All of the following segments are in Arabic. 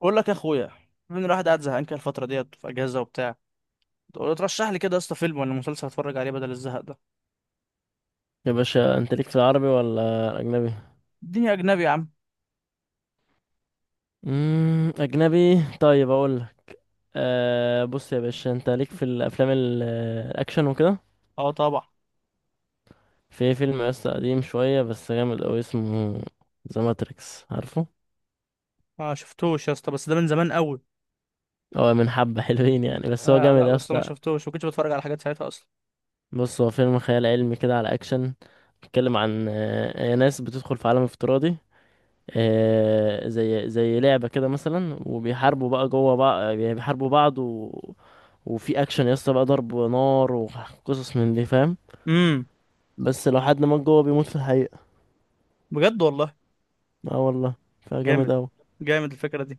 بقول لك يا اخويا، من الواحد قاعد زهقان كده الفتره ديت في اجازه وبتاع. تقول ترشح لي كده يا اسطى فيلم ولا مسلسل اتفرج عليه بدل الزهق ده. يا باشا انت ليك في العربي ولا اجنبي؟ الدنيا اجنبي يا عم. اجنبي، طيب اقول لك. بص يا باشا انت ليك في الافلام الاكشن وكده؟ اه طبعا. في فيلم لسه قديم شويه بس جامد قوي اسمه ذا ماتريكس، عارفه؟ ما شفتوش يا اسطى بس ده من زمان قوي. هو من حبه حلوين يعني بس هو لا جامد لا بس ما اصلا. شفتوش، ما كنتش بتفرج على حاجات ساعتها اصلا. بص، هو فيلم خيال علمي كده على اكشن، بيتكلم عن ناس بتدخل في عالم افتراضي، زي لعبة كده مثلا، وبيحاربوا بقى جوه بقى، يعني بيحاربوا بعض، وفي اكشن يا اسطى بقى، ضرب نار وقصص من دي فاهم. امم بس لو حد مات جوه بيموت في الحقيقة. بجد والله. اه والله. فجامد جامد. اوي. جامد الفكره دي.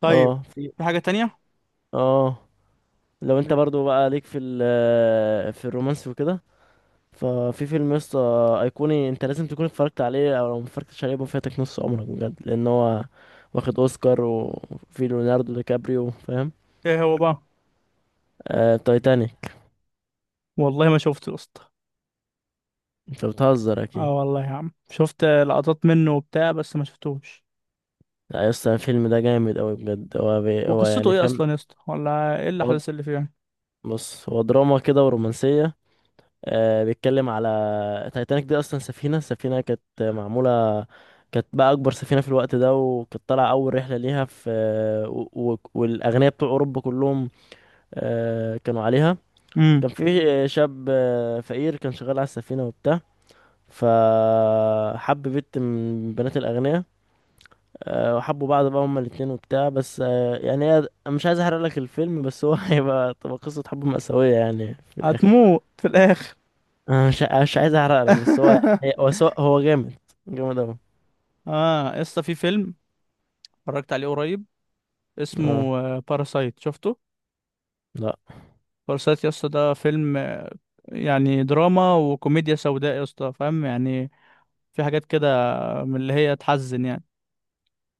طيب اه، في. في حاجه تانية. اه. لو انت مم. برضو بقى ليك في ال في الرومانسي وكده، ففي فيلم يا اسطى ايقوني، انت لازم تكون اتفرجت عليه، او لو متفرجتش عليه يبقى فاتك نص عمرك بجد، لان هو واخد اوسكار، وفي ليوناردو دي كابريو، فاهم؟ ايه هو بقى؟ تايتانيك. والله ما شفته يا اسطى. انت بتهزر اكيد. اه والله يا عم، شفت لقطات منه وبتاع بس ما شفتوش. لا يا اسطى الفيلم ده جامد اوي بجد، هو وقصته يعني ايه فاهم. اصلا يا اسطى، ولا ايه هو، الاحداث اللي فيه يعني؟ بص هو دراما كده ورومانسية. آه بيتكلم على تايتانيك دي، اصلا السفينة كانت معمولة، كانت بقى اكبر سفينة في الوقت ده، وكانت طالعة اول رحلة ليها في والاغنياء بتوع اوروبا كلهم، آه كانوا عليها. امم كان في شاب فقير، كان شغال على السفينة وبتاع، فحب بنت من بنات الأغنياء، وحبوا بعض بقى هما الاتنين وبتاع، بس يعني هي، أنا مش عايز احرق لك الفيلم بس هو تبقى قصة حب مأساوية يعني في الآخر. هتموت في الاخر. أنا مش عايز احرق لك، بس هو يعني هو جامد، جامد أوي. اه يا اسطى، في فيلم اتفرجت عليه قريب اه. اسمه باراسايت، شفته؟ لا باراسايت يا اسطى، ده فيلم يعني دراما وكوميديا سوداء يا اسطى، فاهم يعني؟ في حاجات كده من اللي هي تحزن يعني.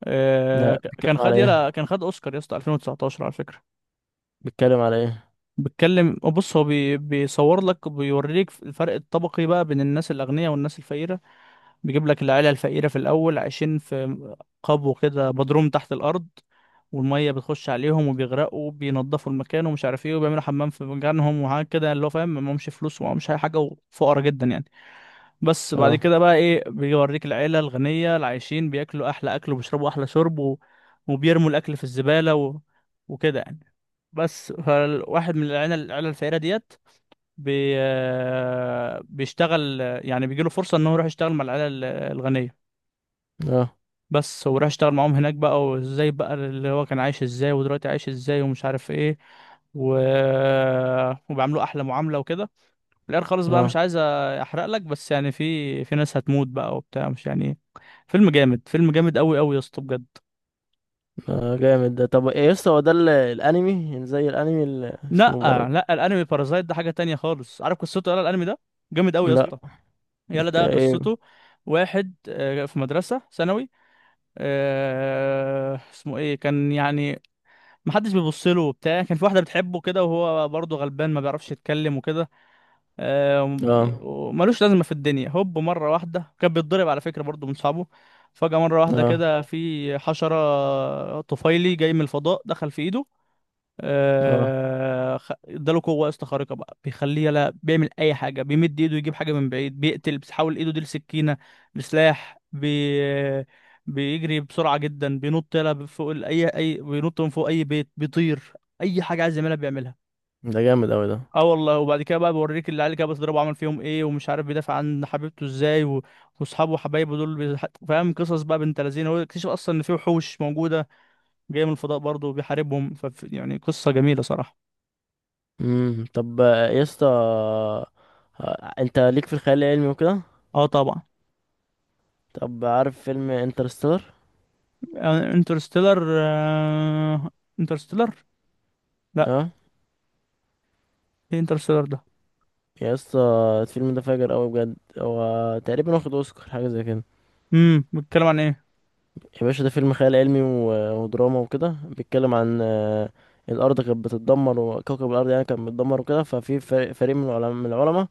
لا. ك- كان بيتكلم على خد ايه؟ يلا كان خد اوسكار يا اسطى 2019 على فكره. بيتكلم على ايه؟ بيتكلم، بص هو بيصور لك، بيوريك الفرق الطبقي بقى بين الناس الاغنياء والناس الفقيره. بيجيب لك العيلة الفقيرة في الأول عايشين في قبو كده مضروم تحت الأرض، والمية بتخش عليهم وبيغرقوا، بينضفوا المكان ومش عارف ايه، وبيعملوا حمام في مكانهم وحاجات كده يعني، اللي هو فاهم معهمش فلوس ومعهمش أي حاجة وفقرا جدا يعني. بس بعد اه. كده بقى ايه، بيوريك العيلة الغنية اللي عايشين بياكلوا أحلى أكل وبيشربوا أحلى شرب، وبيرموا الأكل في الزبالة وكده يعني. بس فالواحد من العيلة الفقيرة ديت بي... بيشتغل، يعني بيجيله فرصة إن هو يروح يشتغل مع العيلة الغنية. اه. بس وراح اشتغل معاهم هناك بقى، وازاي بقى اللي هو كان عايش ازاي ودلوقتي عايش ازاي ومش عارف ايه، و... وبيعملوا احلى معاملة وكده. في الاخر خالص بقى مش اه. عايز احرق لك، بس يعني في ناس هتموت بقى وبتاع، مش يعني. فيلم جامد، فيلم جامد قوي قوي يا اسطى بجد. آه، جامد ده. طب ايه يسطا؟ هو ده الانمي، يعني زي الانمي اللي لا اسمه برضه؟ لا الانمي بارازايت ده حاجة تانية خالص. عارف قصته؟ يلا الانمي ده جامد قوي يا لا. اسطى. يلا ده ايه. قصته: واحد في مدرسة ثانوي، اسمه ايه كان يعني، محدش بيبص له وبتاع. كان في واحده بتحبه كده، وهو برضه غلبان ما بيعرفش يتكلم وكده، آه، وم- اه. وملوش لازمه في الدنيا. هوب مره واحده، كان بيتضرب على فكره برضه من صحابه، فجاه مره واحده اه. كده في حشره طفيلي جاي من الفضاء دخل في ايده. اه. اداله قوه اسطى خارقه بقى، بيخليه يلا بيعمل اي حاجه، بيمد ايده يجيب حاجه من بعيد، بيقتل، بيحول ايده دي لسكينه لسلاح، بيجري بسرعه جدا، بينط يلا فوق ال- اي اي بينط من فوق اي بيت، بيطير، اي حاجه عايز يعملها بيعملها. ده جامد أوي ده. اه والله، وبعد كده بقى بوريك العيال اللي كده بتضربه عمل فيهم ايه، ومش عارف بيدافع عن حبيبته ازاي واصحابه وحبايبه دول فاهم. قصص بقى بنت لذينه، هو اكتشف اصلا ان في وحوش موجوده جايه من الفضاء برضه وبيحاربهم. ف يعني قصه جميله صراحه. طب، يا اسطى، انت ليك في الخيال العلمي وكده؟ اه طبعا. طب عارف فيلم انترستيلر؟ يعني انترستيلر انترستيلر، اه. لا، ايه انترستيلر ده؟ يا اسطى الفيلم ده فاجر قوي بجد، هو تقريبا واخد اوسكار حاجه زي كده. بيتكلم عن ايه؟ يا باشا ده فيلم خيال علمي ودراما وكده، بيتكلم عن الارض كانت بتتدمر، وكوكب الارض يعني كان بيتدمر وكده، ففي فريق من العلماء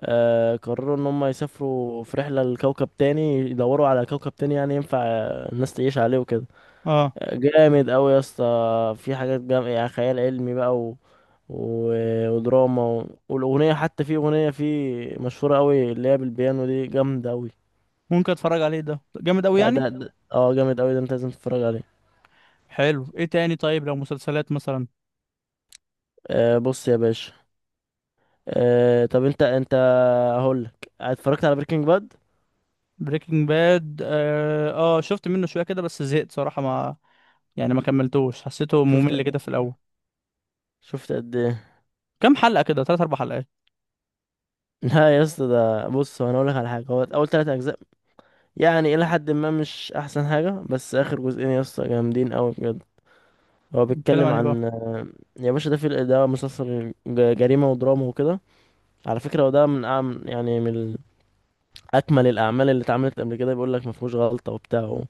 قرروا ان هم يسافروا في رحله لكوكب تاني، يدوروا على كوكب تاني يعني ينفع الناس تعيش عليه وكده. اه جامد قوي يا اسطى، في حاجات يعني خيال علمي بقى و... ودراما والاغنيه، حتى في اغنيه فيه مشهوره قوي اللي هي بالبيانو دي جامده قوي، ممكن اتفرج عليه، ده جامد قوي يعني يعني. جامد قوي ده، انت لازم تتفرج عليه. حلو. ايه تاني طيب، لو مسلسلات مثلا؟ بص يا باشا، طب انت هقول لك، اتفرجت على بريكنج باد؟ بريكنج باد، اه. شفت منه شويه كده بس زهقت صراحه، ما يعني ما كملتوش، حسيته شفت ممل كده في الاول. شفت قد ايه؟ كام حلقه كده، تلات اربع حلقات. لا يا اسطى، ده بص هو انا اقول لك على حاجه، هو اول 3 اجزاء يعني الى حد ما مش احسن حاجه، بس اخر جزئين يا اسطى جامدين قوي بجد. هو بيتكلم بيتكلم عن ايه بقى؟ عن، يا باشا ده في ده مسلسل جريمة ودراما وكده، على فكرة هو ده من يعني أكمل الأعمال اللي اتعملت قبل كده، بيقول لك ما فيهوش غلطة وبتاع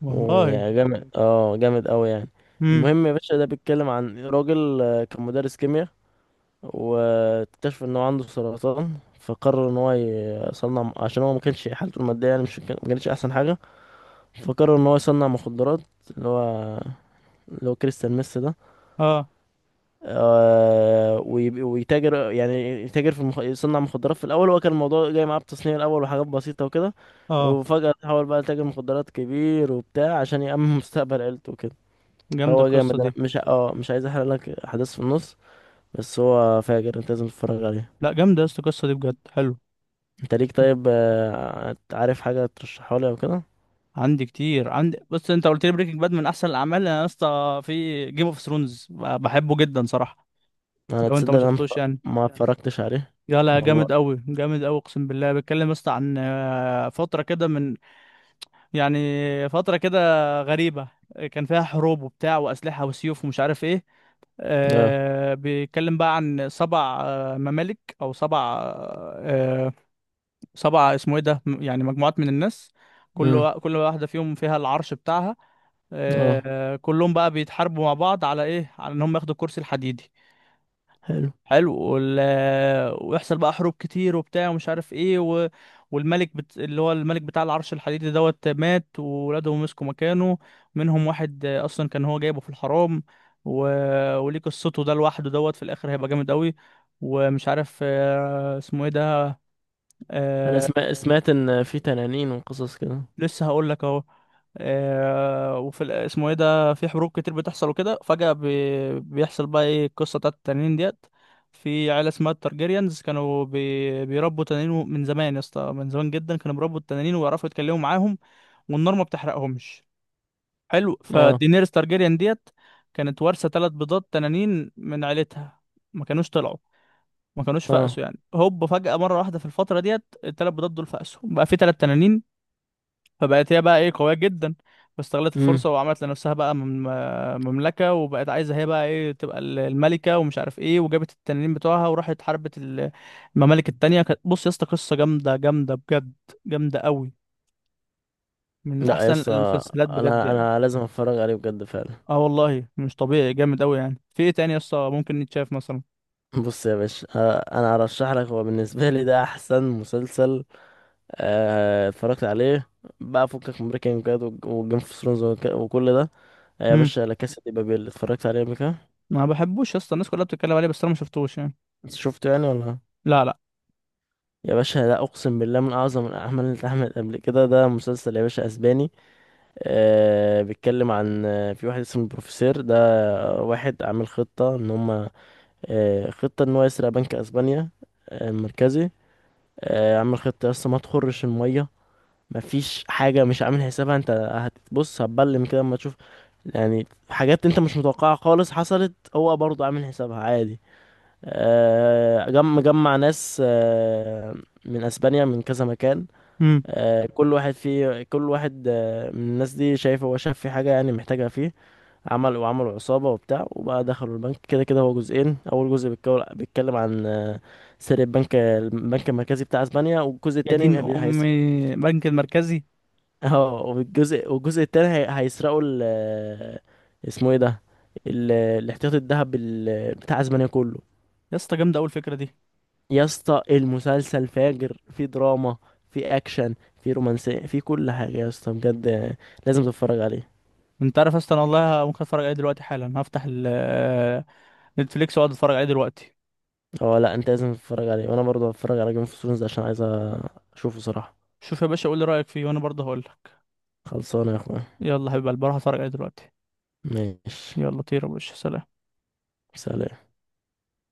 والله. ويعني جامد، اه جامد أوي يعني. امم. المهم يا باشا، ده بيتكلم عن راجل كان مدرس كيمياء، واكتشف إن هو عنده سرطان، فقرر إن هو يصنع، عشان هو ما كانش حالته المادية يعني مش، ما كانتش أحسن حاجة، فقرر إن هو يصنع مخدرات، اللي هو اللي هو كريستال ميسي ده. اه. ويتاجر يعني، يتاجر في يصنع مخدرات في الاول، هو كان الموضوع جاي معاه بتصنيع الاول وحاجات بسيطه وكده، اه وفجاه تحول بقى لتاجر مخدرات كبير وبتاع، عشان يأمن مستقبل عيلته وكده. جامده فهو القصه جامد، دي. انا مش عايز احرق لك احداث في النص، بس هو فاجر، انت لازم تتفرج عليه. لا جامده يا اسطى القصه دي بجد، حلو. انت ليك طيب عارف حاجه ترشحها لي او كده؟ عندي كتير، عندي، بص، انت قلت لي بريكنج باد من احسن الاعمال، انا يا اسطى في جيم اوف ثرونز بحبه جدا صراحه. انا لو انت ما تصدق، انا شفتوش يعني؟ ما اتفرجتش عليه. لا، جامد والله. قوي، جامد قوي، اقسم بالله. بيتكلم يا اسطى عن فتره كده من، يعني فتره كده غريبه، كان فيها حروب وبتاع واسلحه وسيوف ومش عارف ايه. اه. بيتكلم بقى عن سبع ممالك او سبعة، اسمه ايه ده، يعني مجموعات من الناس، امم. كل واحدة فيهم فيها العرش بتاعها. اه. كلهم بقى بيتحاربوا مع بعض على ايه، على ان هم ياخدوا الكرسي الحديدي. حلو. حلو. ويحصل بقى حروب كتير وبتاع ومش عارف ايه، اللي هو الملك بتاع العرش الحديدي دوت مات، وولاده مسكوا مكانه. منهم واحد اصلا كان هو جايبه في الحرام، و... وليه قصته ده لوحده، دوت في الاخر هيبقى جامد قوي. ومش عارف اسمه ايه ده. انا آه، سمعت ان في تنانين وقصص كده. لسه هقول لك اهو. اسمه ايه ده، في حروب كتير بتحصل وكده، فجأة بيحصل بقى ايه، القصة بتاعت التنانين ديت. في عيلة اسمها التارجيريانز، كانوا بيربوا تنانين من زمان يا اسطى، من زمان جدا كانوا بيربوا التنانين ويعرفوا يتكلموا معاهم، والنار ما بتحرقهمش. حلو. اه. فدينيرس تارجيريان ديت كانت وارثة ثلاث بيضات تنانين من عيلتها، ما كانوش طلعوا ما كانوش اه. فقسوا يعني. هوب فجأة مرة واحدة في الفترة ديت الثلاث بيضات دول فقسوا بقى في ثلاث تنانين. فبقت هي بقى ايه قوية جدا، واستغلت امم. الفرصة وعملت لنفسها بقى مملكة، وبقت عايزة هي بقى ايه تبقى الملكة، ومش عارف ايه، وجابت التنانين بتوعها وراحت حاربت الممالك التانية. بص يا اسطى، قصة جامدة جامدة بجد، جامدة قوي، من لا يا احسن اسطى، المسلسلات بجد انا يعني. انا لازم اتفرج عليه بجد فعلا. اه والله مش طبيعي، جامد قوي يعني. في ايه تاني يا اسطى ممكن يتشاف مثلا؟ بص يا باشا انا هرشح لك، هو بالنسبه لي ده احسن مسلسل اتفرجت عليه، بقى فكك من بريكنج باد وجيم اوف ثرونز وكل ده، يا امم. باشا لا كاسا دي بابيل، اتفرجت عليه قبل كده؟ ما بحبوش يا اسطى، الناس كلها بتتكلم عليه بس انا ما شفتوش يعني. شفته يعني ولا؟ لا. يا باشا ده اقسم بالله من اعظم الاعمال اللي اتعملت قبل كده، ده مسلسل يا باشا اسباني، بيتكلم عن في واحد اسمه البروفيسور ده، واحد عامل خطه ان هم، خطة ان هو يسرق بنك اسبانيا المركزي، عامل خطة لسه ما تخرش المية، مفيش حاجة مش عامل حسابها، انت هتبص هتبلم كده اما تشوف، يعني حاجات انت مش متوقعها خالص حصلت هو برضه عامل حسابها عادي. مجمع ناس من اسبانيا من كذا مكان، امم. كل واحد من الناس دي، شايف هو شاف في حاجة يعني محتاجها فيه، وعملوا عصابة وبتاع، وبقى دخلوا البنك، كده كده هو جزئين، أول جزء بيتكلم عن سرقة البنك المركزي بتاع أسبانيا، والجزء يا دين التاني امي، هيسرق. بنك المركزي! اه، والجزء التاني هيسرقوا ال آه، اسمه ايه ده، الاحتياطي الذهب بتاع أسبانيا كله. يا اسطى جامدة قوي الفكرة دي. يا اسطى المسلسل فاجر، في دراما، في أكشن، في رومانسية، في كل حاجة يا اسطى بجد، لازم تتفرج عليه. انت عارف اصلا والله ممكن اتفرج عليه دلوقتي حالا، هفتح نتفليكس واقعد اتفرج عليه دلوقتي. اه، لا، انت لازم تتفرج عليه، وانا برضه هتفرج على جيم اوف ثرونز عشان عايز اشوفه صراحة. شوف يا باشا، قول لي رايك فيه وانا برضه هقول لك. خلصانة يا اخويا. يلا حبيب قلبي، هروح اتفرج عليه دلوقتي. ماشي. يلا طير يا باشا، سلام. سلام.